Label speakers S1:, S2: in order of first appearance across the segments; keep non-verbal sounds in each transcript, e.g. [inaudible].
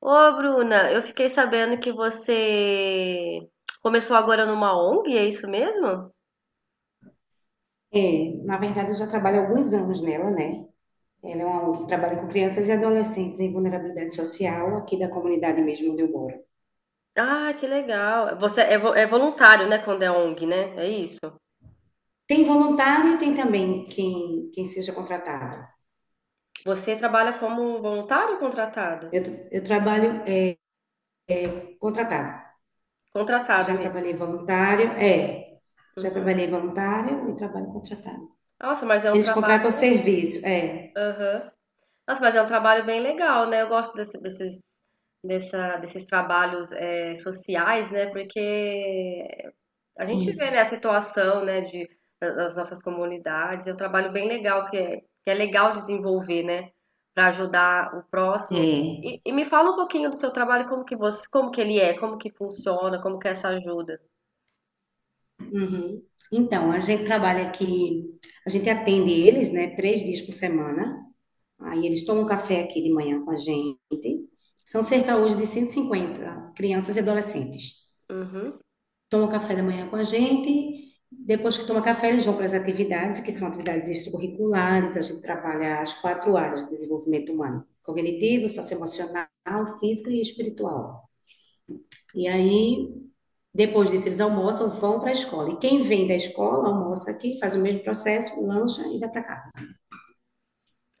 S1: Ô, Bruna, eu fiquei sabendo que você começou agora numa ONG, é isso mesmo?
S2: É, na verdade, eu já trabalho há alguns anos nela, né? Ela é uma ONG que trabalha com crianças e adolescentes em vulnerabilidade social aqui da comunidade mesmo onde eu moro.
S1: Ah, que legal. Você é voluntário, né, quando é ONG, né? É isso?
S2: Tem voluntário e tem também quem seja contratado.
S1: Você trabalha como voluntário ou contratado?
S2: Eu trabalho contratado.
S1: Contratada
S2: Já
S1: mesmo.
S2: trabalhei voluntário, é. Já
S1: Uhum.
S2: trabalhei voluntário e trabalho contratado.
S1: Nossa, mas é um
S2: Eles contratam o
S1: trabalho.
S2: serviço, é.
S1: Aham. Nossa, mas é um trabalho bem legal, né? Eu gosto desses, desses trabalhos sociais, né? Porque a gente vê, né,
S2: Isso,
S1: a situação, né, de, das nossas comunidades. É um trabalho bem legal que é legal desenvolver, né, para ajudar o próximo. E,
S2: é.
S1: e- e me fala um pouquinho do seu trabalho, como que você, como que ele é, como que funciona, como que é essa ajuda.
S2: Uhum. Então, a gente trabalha aqui, a gente atende eles, né, 3 dias por semana. Aí eles tomam um café aqui de manhã com a gente. São cerca hoje de 150 crianças e adolescentes.
S1: Uhum.
S2: Tomam café da manhã com a gente. Depois que toma café, eles vão para as atividades, que são atividades extracurriculares. A gente trabalha as quatro áreas de desenvolvimento humano: cognitivo, socioemocional, físico e espiritual. E aí, depois disso, eles almoçam, vão para a escola. E quem vem da escola almoça aqui, faz o mesmo processo, lancha e vai para casa.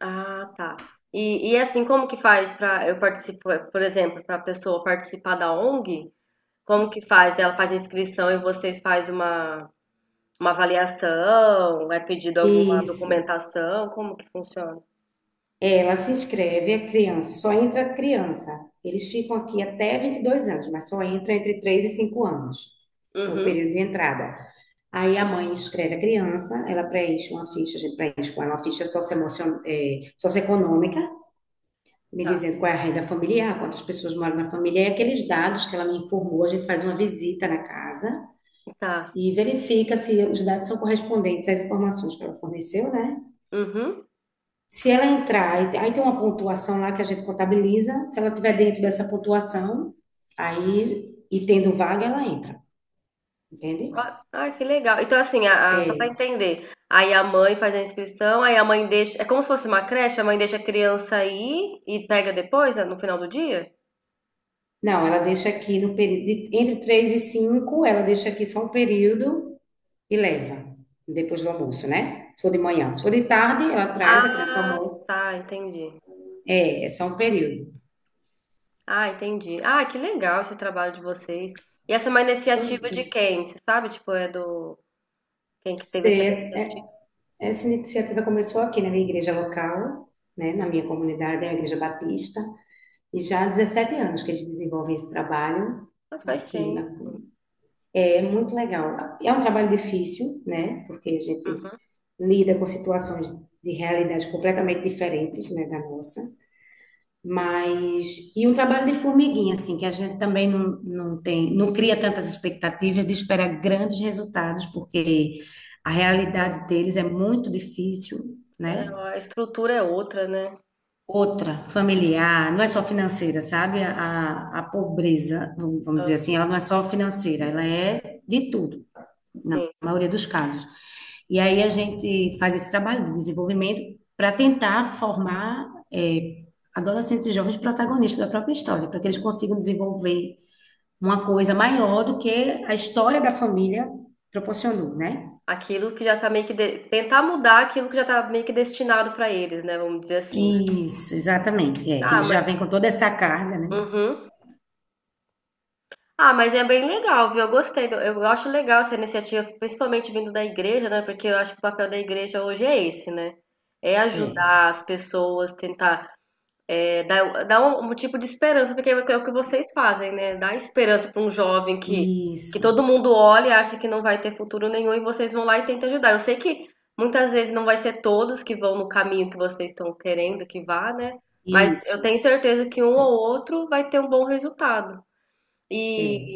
S1: Ah, tá. E assim, como que faz para eu participar, por exemplo, para a pessoa participar da ONG? Como que faz? Ela faz a inscrição e vocês fazem uma avaliação? É pedido alguma
S2: Isso.
S1: documentação? Como que funciona?
S2: Ela se inscreve, a criança, só entra a criança. Eles ficam aqui até 22 anos, mas só entra entre 3 e 5 anos. É o
S1: Uhum.
S2: período de entrada. Aí a mãe inscreve a criança, ela preenche uma ficha, a gente preenche com ela uma ficha socioeconômica, me
S1: Tá,
S2: dizendo qual é a renda familiar, quantas pessoas moram na família, e aqueles dados que ela me informou, a gente faz uma visita na casa
S1: tá.
S2: e verifica se os dados são correspondentes às informações que ela forneceu, né?
S1: Uhum.
S2: Se ela entrar, aí tem uma pontuação lá que a gente contabiliza, se ela estiver dentro dessa pontuação, aí, e tendo vaga, ela entra, entende?
S1: Ah, ah, que legal. Então, assim, só para
S2: É.
S1: entender, aí a mãe faz a inscrição, aí a mãe deixa. É como se fosse uma creche, a mãe deixa a criança ir e pega depois, né, no final do dia?
S2: Não, ela deixa aqui no período, entre 3 e 5, ela deixa aqui só um período e leva, depois do almoço, né? Se for de manhã. Se for de tarde, ela traz a criança ao
S1: Ah,
S2: almoço,
S1: tá, entendi.
S2: é só um período.
S1: Ah, entendi. Ah, que legal esse trabalho de vocês. E essa é uma iniciativa
S2: Pois
S1: de
S2: é.
S1: quem? Você sabe? Tipo, é do. Quem que teve
S2: Se
S1: essa
S2: essa, é-
S1: iniciativa?
S2: Essa iniciativa começou aqui na minha igreja local, né? Na minha comunidade, é a Igreja Batista. E já há 17 anos que eles desenvolvem esse trabalho
S1: Mas faz
S2: aqui. Na...
S1: tempo.
S2: É muito legal. É um trabalho difícil, né? Porque a gente
S1: Uhum.
S2: lida com situações de realidade completamente diferentes, né, da nossa. Mas, e um trabalho de formiguinha, assim, que a gente também não, não tem, não cria tantas expectativas de esperar grandes resultados, porque a
S1: É,
S2: realidade deles é muito difícil,
S1: É,
S2: né?
S1: a estrutura é outra, né?
S2: Outra, familiar, não é só
S1: Uhum.
S2: financeira, sabe? A pobreza, vamos dizer
S1: Ah,
S2: assim, ela não é só financeira, ela é de tudo, na
S1: sim.
S2: maioria dos casos. E aí a gente faz esse trabalho de desenvolvimento para tentar formar eh, adolescentes e jovens protagonistas da própria história, para que eles consigam desenvolver uma coisa maior do que a história da família proporcionou, né?
S1: Aquilo que já tá meio que de tentar mudar aquilo que já tá meio que destinado pra eles, né, vamos dizer assim, né.
S2: Isso, exatamente. É, que
S1: Ah,
S2: eles já
S1: mas
S2: vêm com toda essa carga, né?
S1: uhum. Ah, mas é bem legal, viu, eu gostei do eu acho legal essa iniciativa, principalmente vindo da igreja, né, porque eu acho que o papel da igreja hoje é esse, né, é
S2: É.
S1: ajudar as pessoas, tentar. É, dá um, um tipo de esperança, porque é o que vocês fazem, né? Dá esperança para um jovem que todo
S2: Isso.
S1: mundo olha e acha que não vai ter futuro nenhum e vocês vão lá e tentam ajudar. Eu sei que muitas vezes não vai ser todos que vão no caminho que vocês estão querendo que vá, né? Mas eu
S2: Isso,
S1: tenho certeza que um ou outro vai ter um bom resultado. E
S2: é.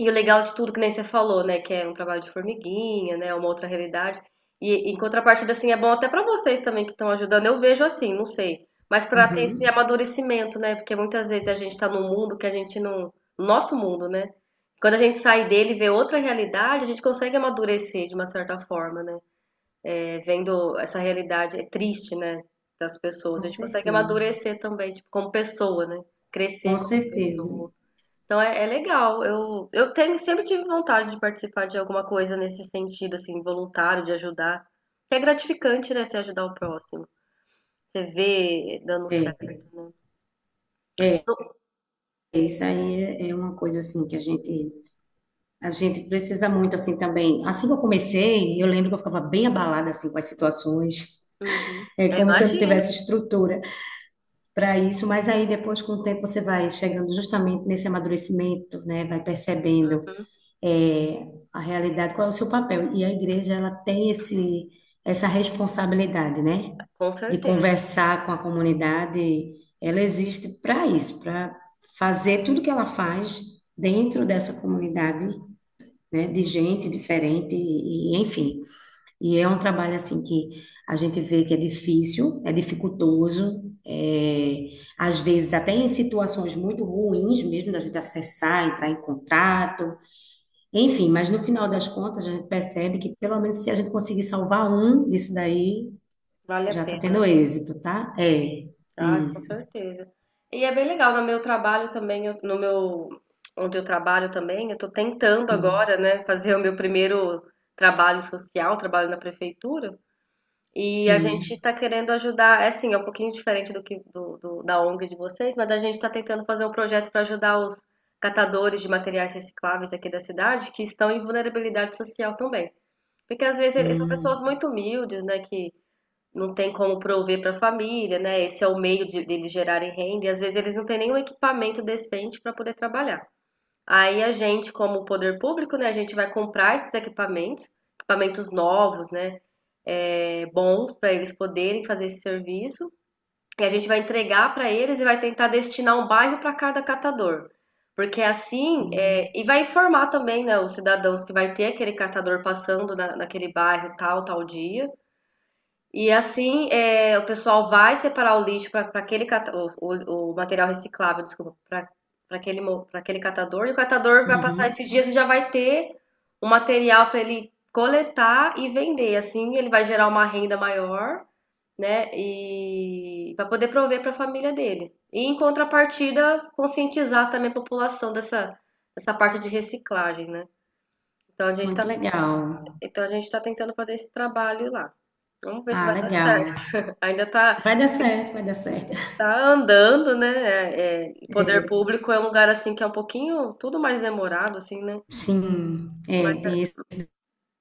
S1: e o legal de tudo, que nem você falou, né, que é um trabalho de formiguinha, né, uma outra realidade. E em contrapartida, assim, é bom até pra vocês também que estão ajudando. Eu vejo assim, não sei. Mas pra ter esse
S2: Uhum,
S1: amadurecimento, né? Porque muitas vezes a gente tá num mundo que a gente não. Nosso mundo, né? Quando a gente sai dele e vê outra realidade, a gente consegue amadurecer de uma certa forma, né? É, vendo essa realidade é triste, né? Das pessoas.
S2: com
S1: A gente consegue
S2: certeza,
S1: amadurecer também, tipo, como pessoa, né? Crescer
S2: com
S1: como
S2: certeza.
S1: pessoa. Então é legal. Eu tenho, sempre tive vontade de participar de alguma coisa nesse sentido, assim, voluntário, de ajudar. Que é gratificante, né? Você ajudar o próximo. Você vê dando
S2: É,
S1: certo, né?
S2: é,
S1: No-
S2: isso aí é uma coisa assim que a gente precisa muito assim também. Assim que eu comecei, eu lembro que eu ficava bem abalada assim com as situações,
S1: Uhum.
S2: é
S1: Eu
S2: como se eu não
S1: imagino.
S2: tivesse estrutura para isso, mas aí depois com o tempo você vai chegando justamente nesse amadurecimento, né? Vai percebendo
S1: Uhum.
S2: é, a realidade, qual é o seu papel. E a igreja, ela tem essa responsabilidade, né?
S1: Com
S2: De
S1: certeza.
S2: conversar com a comunidade. Ela existe para isso, para fazer tudo que ela faz dentro dessa comunidade, né? De gente diferente e, enfim. E é um trabalho, assim, que a gente vê que é difícil, é dificultoso, é, às vezes até em situações muito ruins mesmo, da gente acessar, entrar em contato, enfim, mas no final das contas, a gente percebe que pelo menos se a gente conseguir salvar um disso daí,
S1: Vale a
S2: já está
S1: pena.
S2: tendo êxito, tá? É,
S1: Ah, com
S2: isso.
S1: certeza. E é bem legal. No meu trabalho também, eu- no meu, onde eu trabalho também, eu tô tentando
S2: Sim,
S1: agora, né, fazer o meu primeiro trabalho social, trabalho na prefeitura. E a gente
S2: sim.
S1: está querendo ajudar, é assim, é um pouquinho diferente do que da ONG de vocês, mas a gente está tentando fazer um projeto para ajudar os catadores de materiais recicláveis aqui da cidade que estão em vulnerabilidade social também. Porque às vezes eles são pessoas
S2: Hum,
S1: muito humildes, né, que não tem como prover para a família, né? Esse é o meio deles gerarem renda, e às vezes eles não têm nenhum equipamento decente para poder trabalhar. Aí a gente, como poder público, né, a gente vai comprar esses equipamentos, equipamentos novos, né, bons para eles poderem fazer esse serviço. E a gente vai entregar para eles e vai tentar destinar um bairro para cada catador. Porque assim,
S2: hum,
S1: e vai informar também, né, os cidadãos que vai ter aquele catador passando naquele bairro tal, tal dia. E assim, o pessoal vai separar o lixo para aquele o material reciclável, desculpa, para aquele, mo- pra aquele catador, e o catador vai passar
S2: uhum.
S1: esses dias e já vai ter o material para ele coletar e vender. Assim, ele vai gerar uma renda maior, né? E para poder prover para a família dele. E em contrapartida, conscientizar também a população dessa parte de reciclagem, né? Então a gente tá,
S2: Muito legal.
S1: então a gente tá tentando fazer esse trabalho lá. Vamos ver se
S2: Ah,
S1: vai dar
S2: legal.
S1: certo. Ainda tá,
S2: Vai dar certo, vai dar certo.
S1: Tá andando, né? É, poder público é um lugar assim que é um pouquinho tudo mais demorado, assim, né?
S2: Sim, é,
S1: Mas
S2: tem esse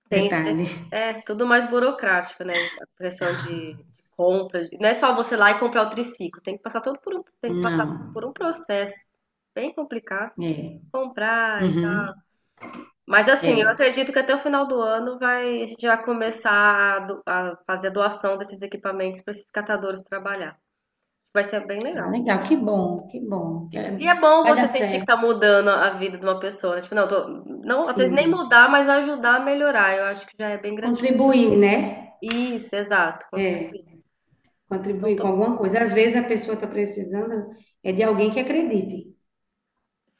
S1: tem esse de-
S2: detalhe.
S1: é tudo mais burocrático, né? A questão de compra, não é só você lá e comprar o triciclo, tem que passar todo por um, tem que
S2: Não,
S1: passar por um processo bem complicado,
S2: é.
S1: comprar e tal.
S2: Uhum,
S1: Mas assim, eu
S2: é.
S1: acredito que até o final do ano a gente vai começar a fazer a doação desses equipamentos para esses catadores trabalhar. Vai ser bem
S2: Ah,
S1: legal.
S2: legal, que bom, que bom.
S1: E
S2: É,
S1: é bom
S2: vai dar
S1: você sentir que tá
S2: certo,
S1: mudando a vida de uma pessoa, né, tipo, não, às vezes nem
S2: sim.
S1: mudar, mas ajudar a melhorar, eu acho que já é bem gratificante.
S2: Contribuir, né?
S1: Isso, exato,
S2: É.
S1: contribuir. Então
S2: Contribuir com
S1: tô,
S2: alguma coisa. Às vezes a pessoa está precisando é de alguém que acredite,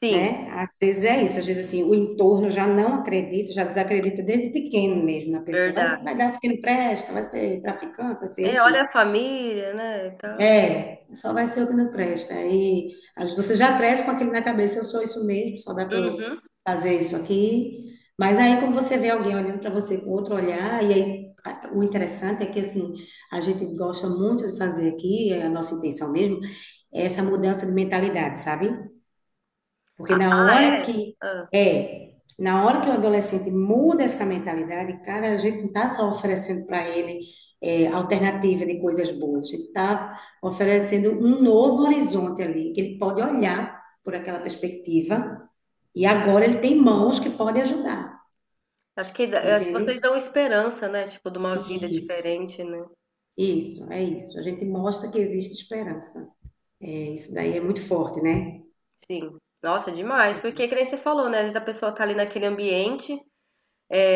S1: sim,
S2: né? Às vezes é isso, às vezes assim, o entorno já não acredita, já desacredita desde pequeno mesmo na pessoa. Vai,
S1: verdade.
S2: vai dar um pequeno presta, vai ser traficante, vai ser,
S1: É, olha a
S2: enfim.
S1: família, né, e tal.
S2: É, só vai ser o que não presta. Aí você já cresce com aquilo na cabeça, eu sou isso mesmo, só dá para eu
S1: Uhum.
S2: fazer isso aqui. Mas aí quando você vê alguém olhando para você com outro olhar, e aí o interessante é que assim, a gente gosta muito de fazer aqui, é a nossa intenção mesmo, é essa mudança de mentalidade, sabe? Porque
S1: Ah, ah, é? Hã.
S2: é, na hora que o adolescente muda essa mentalidade, cara, a gente não está só oferecendo para ele alternativa de coisas boas, a gente está oferecendo um novo horizonte ali, que ele pode olhar por aquela perspectiva, e
S1: Hum.
S2: agora ele tem mãos que podem ajudar,
S1: Acho que eu acho que
S2: entende?
S1: vocês dão esperança, né, tipo, de uma vida
S2: Isso,
S1: diferente, né.
S2: isso, é isso. A gente mostra que existe esperança. É, isso daí é muito forte, né?
S1: Sim. Nossa, demais, porque que nem você falou, né, às vezes a pessoa tá ali naquele ambiente.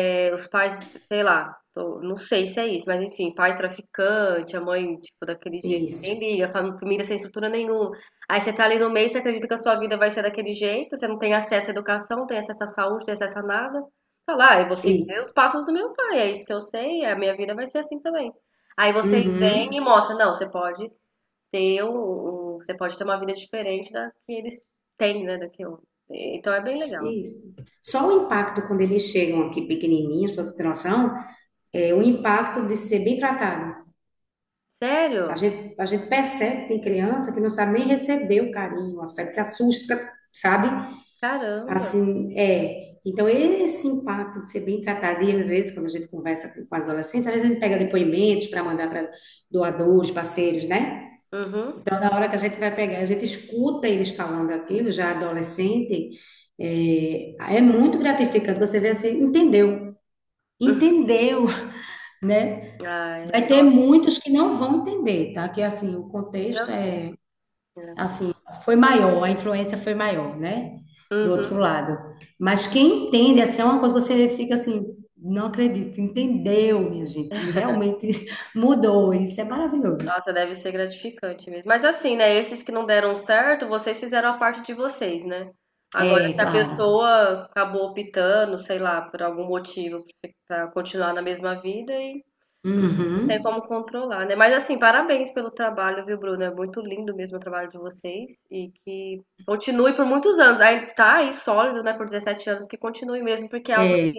S1: É, os pais, sei lá, não sei se é isso, mas enfim, pai traficante, a mãe, tipo, daquele jeito,
S2: Isso,
S1: nem liga, família sem estrutura nenhuma. Aí você tá ali no meio, você acredita que a sua vida vai ser daquele jeito, você não tem acesso à educação, não tem acesso à saúde, não tem acesso a nada. Fala, ah, eu vou seguir
S2: isso.
S1: os passos do meu pai, é isso que eu sei, é, a minha vida vai ser assim também. Aí vocês vêm e
S2: Uhum.
S1: mostram, não, você pode ter uma vida diferente da que eles têm, né, da que eu. Então é bem legal.
S2: Isso. Só o impacto quando eles chegam aqui pequenininhos, para você ter noção, é o impacto de ser bem tratado. A
S1: Sério?
S2: gente, a gente percebe que tem criança que não sabe nem receber o carinho, o afeto, se assusta, sabe?
S1: Caramba.
S2: Assim, é. Então, esse impacto de ser bem tratado, e às vezes, quando a gente conversa com as adolescentes, às vezes a gente pega depoimentos para mandar para doadores, parceiros, né?
S1: Uhum.
S2: Então, na hora que a gente vai pegar, a gente escuta eles falando aquilo, já adolescente, é muito gratificante. Você vê assim, entendeu, entendeu, né?
S1: Ah, é.
S2: Vai ter
S1: Nossa,
S2: muitos que não vão entender, tá? Que assim, o
S1: eu
S2: contexto
S1: sei,
S2: é
S1: né.
S2: assim, foi maior, a influência foi maior, né? Do outro
S1: Uhum.
S2: lado. Mas quem entende, assim, é uma coisa que você fica assim, não acredito, entendeu, minha gente. Realmente [laughs] mudou, isso é maravilhoso.
S1: Nossa, deve ser gratificante mesmo. Mas assim, né, esses que não deram certo, vocês fizeram a parte de vocês, né. Agora
S2: É,
S1: se a
S2: claro.
S1: pessoa acabou optando, sei lá, por algum motivo pra continuar na mesma vida e não tem como
S2: Uhum.
S1: controlar, né. Mas assim, parabéns pelo trabalho, viu, Bruno, é muito lindo mesmo o trabalho de vocês e que continue por muitos anos. Aí tá aí sólido, né, por 17 anos, que continue mesmo, porque é algo
S2: É.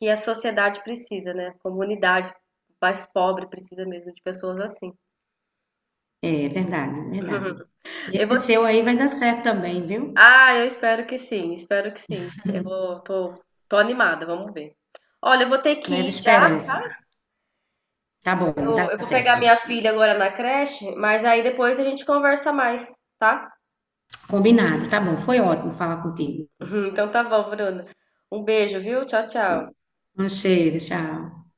S1: que a sociedade precisa, né? A comunidade mais pobre precisa mesmo de pessoas assim.
S2: É verdade, verdade. E
S1: [laughs] Eu
S2: esse
S1: vou.
S2: seu aí vai dar certo também, viu?
S1: Ah, eu espero que sim, espero que sim. Eu vou, tô animada, vamos ver. Olha, eu vou ter que
S2: Leva
S1: ir já.
S2: esperança. Tá bom,
S1: Eu,
S2: tá
S1: eu vou pegar
S2: certo.
S1: minha filha agora na creche, mas aí depois a gente conversa mais, tá?
S2: Combinado, tá bom. Foi ótimo falar contigo.
S1: [laughs] Então tá bom, Bruna. Um beijo, viu? Tchau, tchau.
S2: Um cheiro, tchau.